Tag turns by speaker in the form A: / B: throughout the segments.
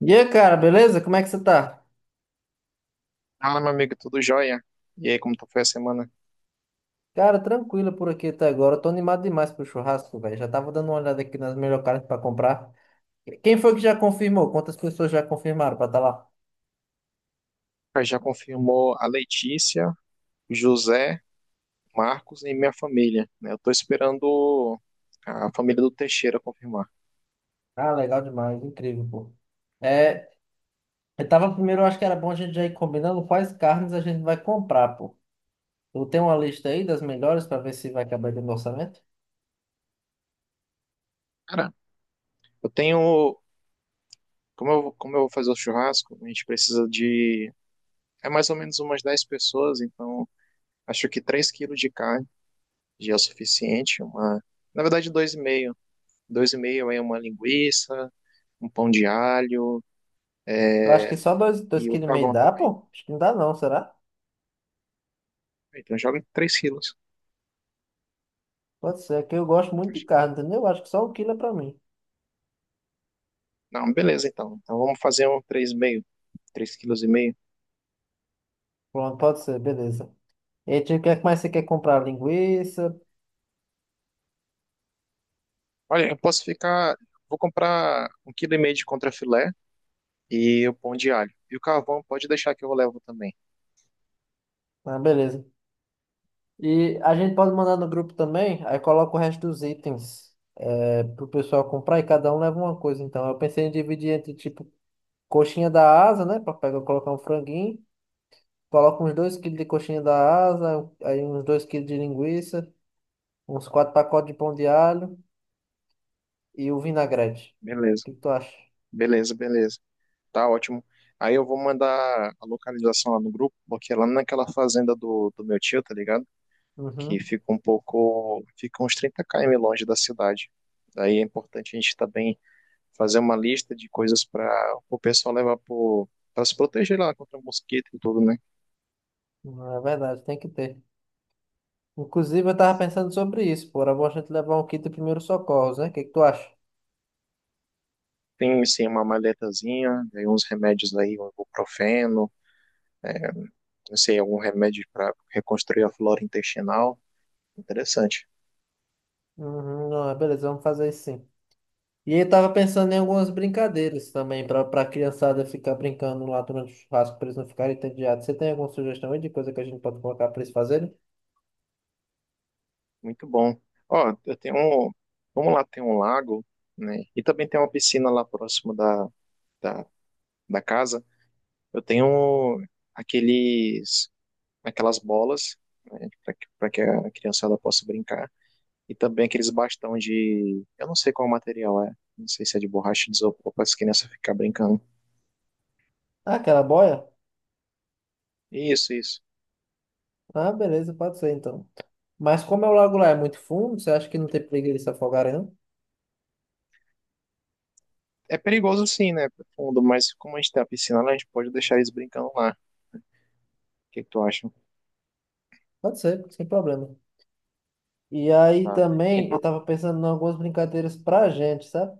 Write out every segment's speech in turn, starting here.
A: E aí, cara, beleza? Como é que você tá?
B: Fala, meu amigo, tudo jóia? E aí, foi a semana?
A: Cara, tranquilo por aqui até agora. Eu tô animado demais pro churrasco, velho. Já tava dando uma olhada aqui nas melhores carnes pra comprar. Quem foi que já confirmou? Quantas pessoas já confirmaram pra estar tá lá?
B: Já confirmou a Letícia, José, Marcos e minha família, né? Eu tô esperando a família do Teixeira confirmar.
A: Ah, legal demais, incrível, pô. É, eu tava primeiro, eu acho que era bom a gente já ir combinando quais carnes a gente vai comprar, pô. Eu tenho uma lista aí das melhores pra ver se vai acabar dentro do orçamento.
B: Cara, eu tenho... Como eu vou fazer o churrasco, a gente precisa de... É mais ou menos umas 10 pessoas, então acho que 3 quilos de carne já é o suficiente. Uma, na verdade, dois e meio, 2,5 é uma linguiça, um pão de alho
A: Eu acho que só dois
B: e o
A: quilos e meio
B: carvão
A: dá,
B: também.
A: pô? Acho que não dá não, será?
B: Então joga 3 quilos.
A: Pode ser, é que eu gosto muito de carne, entendeu? Eu acho que só 1 quilo é pra mim.
B: Não, beleza então. Então vamos fazer um 3,5 quilos.
A: Pronto, pode ser, beleza. E aí, tio, o que é que mais você quer comprar? Linguiça?
B: Olha, eu posso ficar. Vou comprar 1,5 quilo de contrafilé e o pão de alho. E o carvão pode deixar que eu levo também.
A: Ah, beleza. E a gente pode mandar no grupo também, aí coloca o resto dos itens pro pessoal comprar e cada um leva uma coisa. Então, eu pensei em dividir entre, tipo, coxinha da asa, né? Pra pegar, colocar um franguinho. Coloca uns 2 quilos de coxinha da asa, aí uns 2 quilos de linguiça, uns quatro pacotes de pão de alho e o vinagrete. O
B: Beleza,
A: que que tu acha?
B: beleza, beleza. Tá ótimo. Aí eu vou mandar a localização lá no grupo, porque é lá naquela fazenda do meu tio, tá ligado? Que
A: Uhum.
B: fica um pouco. Fica uns 30 km longe da cidade. Daí é importante a gente estar bem, fazer uma lista de coisas para o pessoal levar, para se proteger lá contra mosquito e tudo, né?
A: Não, é verdade, tem que ter. Inclusive, eu tava pensando sobre isso, pô. Era bom a gente levar um kit de primeiros socorros, né? O que que tu acha?
B: Tem, assim, uma maletazinha, aí uns remédios aí, um ibuprofeno, é, não sei, algum remédio para reconstruir a flora intestinal. Interessante,
A: Uhum, não, é beleza, vamos fazer isso sim. E aí eu tava pensando em algumas brincadeiras também, pra criançada ficar brincando lá durante o churrasco, pra eles não ficarem entediados. Você tem alguma sugestão aí de coisa que a gente pode colocar pra eles fazerem?
B: muito bom. Ó, eu tenho um, vamos lá, tem um lago, né? E também tem uma piscina lá próximo da, da casa. Eu tenho aqueles, aquelas bolas, né, para que a criançada possa brincar. E também aqueles bastão de... Eu não sei qual material é. Não sei se é de borracha, de isopor, para as crianças ficar brincando.
A: Ah, aquela boia?
B: Isso, isso.
A: Ah, beleza, pode ser então. Mas como é o lago lá é muito fundo, você acha que não tem perigo eles se afogarem, não?
B: É perigoso sim, né? Pro fundo, mas como a gente tem a piscina lá, a gente pode deixar eles brincando lá. O que que tu acha?
A: Pode ser, sem problema. E aí
B: Tá.
A: também
B: Então,
A: eu tava pensando em algumas brincadeiras pra gente, sabe?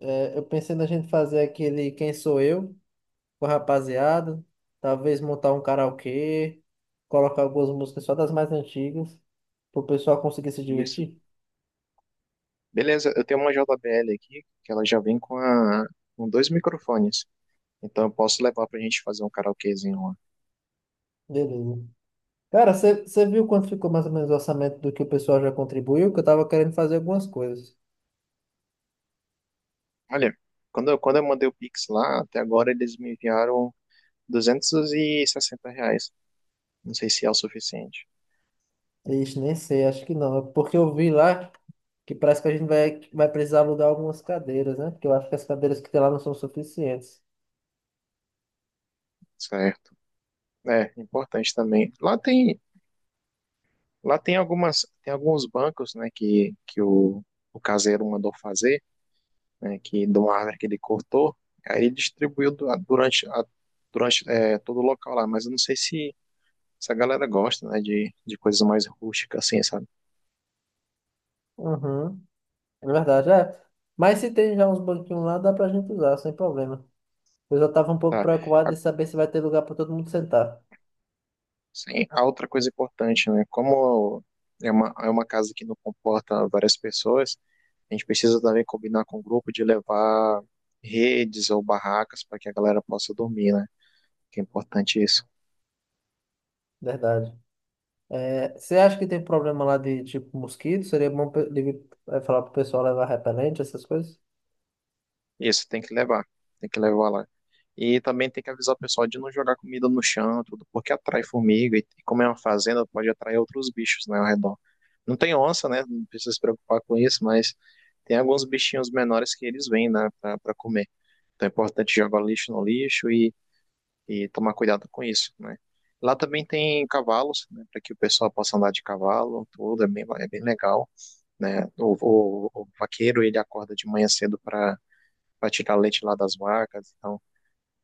A: É, eu pensei na gente fazer aquele Quem Sou Eu com a rapaziada, talvez montar um karaokê, colocar algumas músicas só das mais antigas, pro pessoal conseguir se
B: isso.
A: divertir.
B: Beleza, eu tenho uma JBL aqui, que ela já vem com, com dois microfones. Então eu posso levar pra gente fazer um karaokezinho lá.
A: Beleza. Cara, você viu quanto ficou mais ou menos o orçamento do que o pessoal já contribuiu? Que eu tava querendo fazer algumas coisas.
B: Olha, quando eu mandei o Pix lá, até agora eles me enviaram R$ 260. Não sei se é o suficiente.
A: Ixi, nem sei, acho que não. Porque eu vi lá que parece que a gente vai precisar alugar algumas cadeiras, né? Porque eu acho que as cadeiras que tem lá não são suficientes.
B: Certo. É, importante também. Lá tem algumas, tem alguns bancos, né, que o caseiro mandou fazer, né, que de uma árvore que ele cortou, aí ele distribuiu durante, durante, é, todo o local lá, mas eu não sei se a galera gosta, né, de coisas mais rústicas assim, sabe?
A: Uhum, é verdade, é. Mas se tem já uns banquinhos lá, dá pra gente usar, sem problema. Eu já tava um pouco
B: Tá.
A: preocupado de saber se vai ter lugar pra todo mundo sentar.
B: Sim, a outra coisa importante, né? Como é uma casa que não comporta várias pessoas, a gente precisa também combinar com o grupo de levar redes ou barracas para que a galera possa dormir, né? Que é importante isso.
A: Verdade. É, você acha que tem problema lá de tipo mosquito? Seria bom ele, é, falar pro pessoal levar repelente, essas coisas?
B: Isso, tem que levar. Tem que levar lá. E também tem que avisar o pessoal de não jogar comida no chão, tudo, porque atrai formiga. E como é uma fazenda, pode atrair outros bichos, né, ao redor. Não tem onça, né? Não precisa se preocupar com isso, mas tem alguns bichinhos menores que eles vêm, né, pra, pra comer. Então é importante jogar o lixo no lixo e tomar cuidado com isso, né? Lá também tem cavalos, né, para que o pessoal possa andar de cavalo, tudo, é bem legal, né? O vaqueiro, ele acorda de manhã cedo para tirar leite lá das vacas. Então,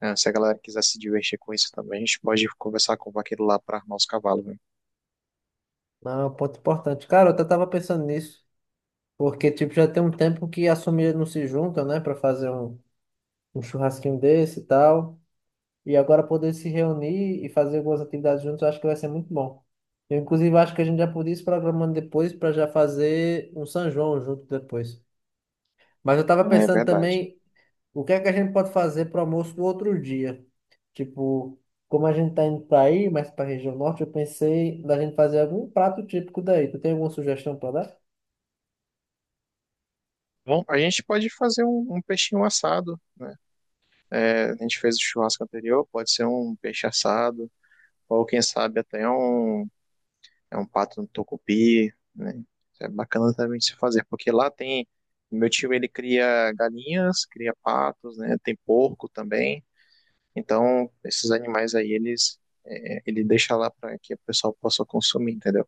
B: é, se a galera quiser se divertir com isso também, a gente pode conversar com o vaqueiro lá para armar os cavalos, né?
A: Não, é um ponto importante. Cara, eu até tava pensando nisso, porque tipo já tem um tempo que as famílias não se juntam, né, para fazer um churrasquinho desse e tal. E agora poder se reunir e fazer algumas atividades juntos, eu acho que vai ser muito bom. Eu, inclusive, acho que a gente já podia ir se programando depois para já fazer um São João junto depois. Mas eu tava
B: Uhum. É
A: pensando
B: verdade.
A: também, o que é que a gente pode fazer para o almoço do outro dia? Tipo, como a gente tá indo para aí, mais para a região norte, eu pensei da gente fazer algum prato típico daí. Tu tem alguma sugestão para dar?
B: Bom, a gente pode fazer um peixinho assado, né? É, a gente fez o churrasco anterior, pode ser um peixe assado, ou quem sabe até um, é, um pato no tucupi, né? Isso é bacana também de se fazer, porque lá tem, meu tio ele cria galinhas, cria patos, né? Tem porco também. Então, esses animais aí, eles, é, ele deixa lá para que o pessoal possa consumir, entendeu?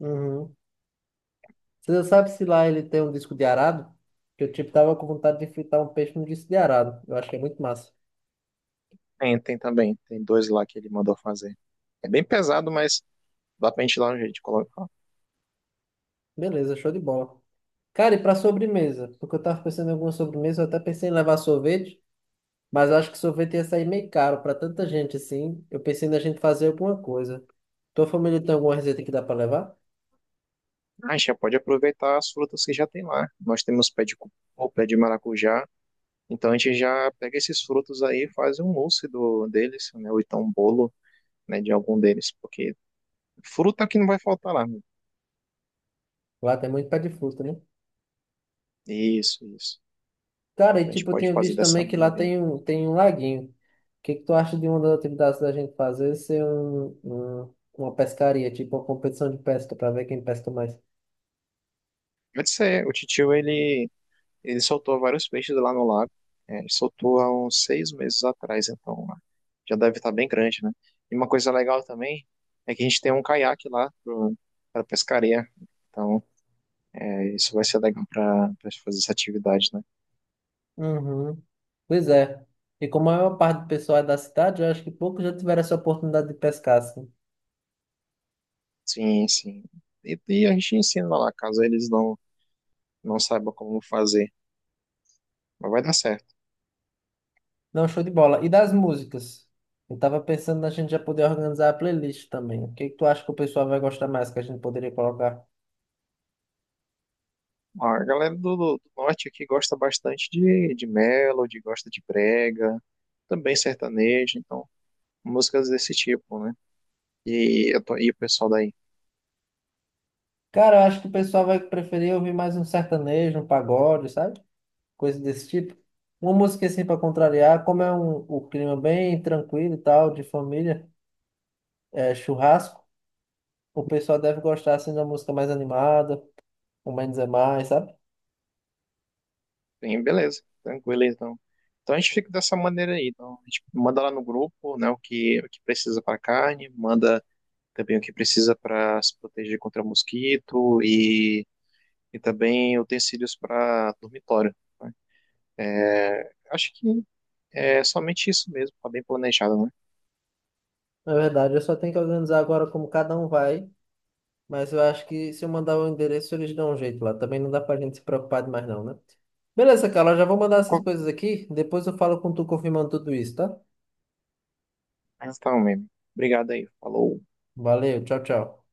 A: Uhum. Você já sabe se lá ele tem um disco de arado? Que eu tipo tava com vontade de fritar um peixe no disco de arado. Eu acho que é muito massa.
B: Tem, tem também, tem dois lá que ele mandou fazer. É bem pesado, mas dá pra gente ir lá no jeito de colocar.
A: Beleza, show de bola. Cara, e para sobremesa? Porque eu tava pensando em alguma sobremesa, eu até pensei em levar sorvete, mas acho que sorvete ia sair meio caro para tanta gente assim. Eu pensei na gente fazer alguma coisa. Tua família tem alguma receita que dá para levar?
B: Ah, a gente já pode aproveitar as frutas que já tem lá. Nós temos pé de cupuaçu, pé de maracujá. Então a gente já pega esses frutos aí e faz um mousse deles, né? Ou então um bolo, né, de algum deles. Porque fruta que não vai faltar lá, né?
A: Lá tem muito pé de fruta, né?
B: Isso, isso.
A: Cara, e
B: Então a gente
A: tipo, eu
B: pode
A: tinha
B: fazer
A: visto
B: dessa
A: também que lá
B: maneira aí.
A: tem um laguinho. O que que tu acha de uma das atividades da gente fazer ser uma pescaria, tipo uma competição de pesca para ver quem pesca mais?
B: Pode ser, o titio, ele soltou vários peixes lá no lago. É, ele soltou há uns 6 meses atrás, então, né, já deve estar bem grande, né? E uma coisa legal também é que a gente tem um caiaque lá para pescaria. Então, é, isso vai ser legal para fazer essa atividade, né?
A: Uhum. Pois é. E como a maior parte do pessoal é da cidade, eu acho que poucos já tiveram essa oportunidade de pescar, assim.
B: Sim, sim. E a gente ensina lá, caso eles não saibam como fazer. Mas vai dar certo.
A: Não, show de bola. E das músicas? Eu tava pensando na gente já poder organizar a playlist também. O que que tu acha que o pessoal vai gostar mais que a gente poderia colocar?
B: A galera do norte aqui gosta bastante de melody, gosta de brega, também sertanejo, então músicas desse tipo, né? E, eu tô, e o pessoal daí,
A: Cara, eu acho que o pessoal vai preferir ouvir mais um sertanejo, um pagode, sabe? Coisa desse tipo. Uma música assim para contrariar, como é o clima bem tranquilo e tal, de família, é, churrasco, o pessoal deve gostar assim de uma música mais animada, o menos é mais, sabe?
B: bem, beleza, tranquilo, então. Então a gente fica dessa maneira aí. Então, a gente manda lá no grupo, né, o que precisa para carne, manda também o que precisa para se proteger contra mosquito e também utensílios para dormitório, né? É, acho que é somente isso mesmo, tá bem planejado, né?
A: Na verdade, eu só tenho que organizar agora como cada um vai. Mas eu acho que se eu mandar o endereço, eles dão um jeito lá. Também não dá pra gente se preocupar demais, não, né? Beleza, Carla, eu já vou mandar essas coisas aqui. Depois eu falo com tu confirmando tudo isso, tá?
B: Então, mesmo. Obrigado aí, falou.
A: Valeu, tchau, tchau.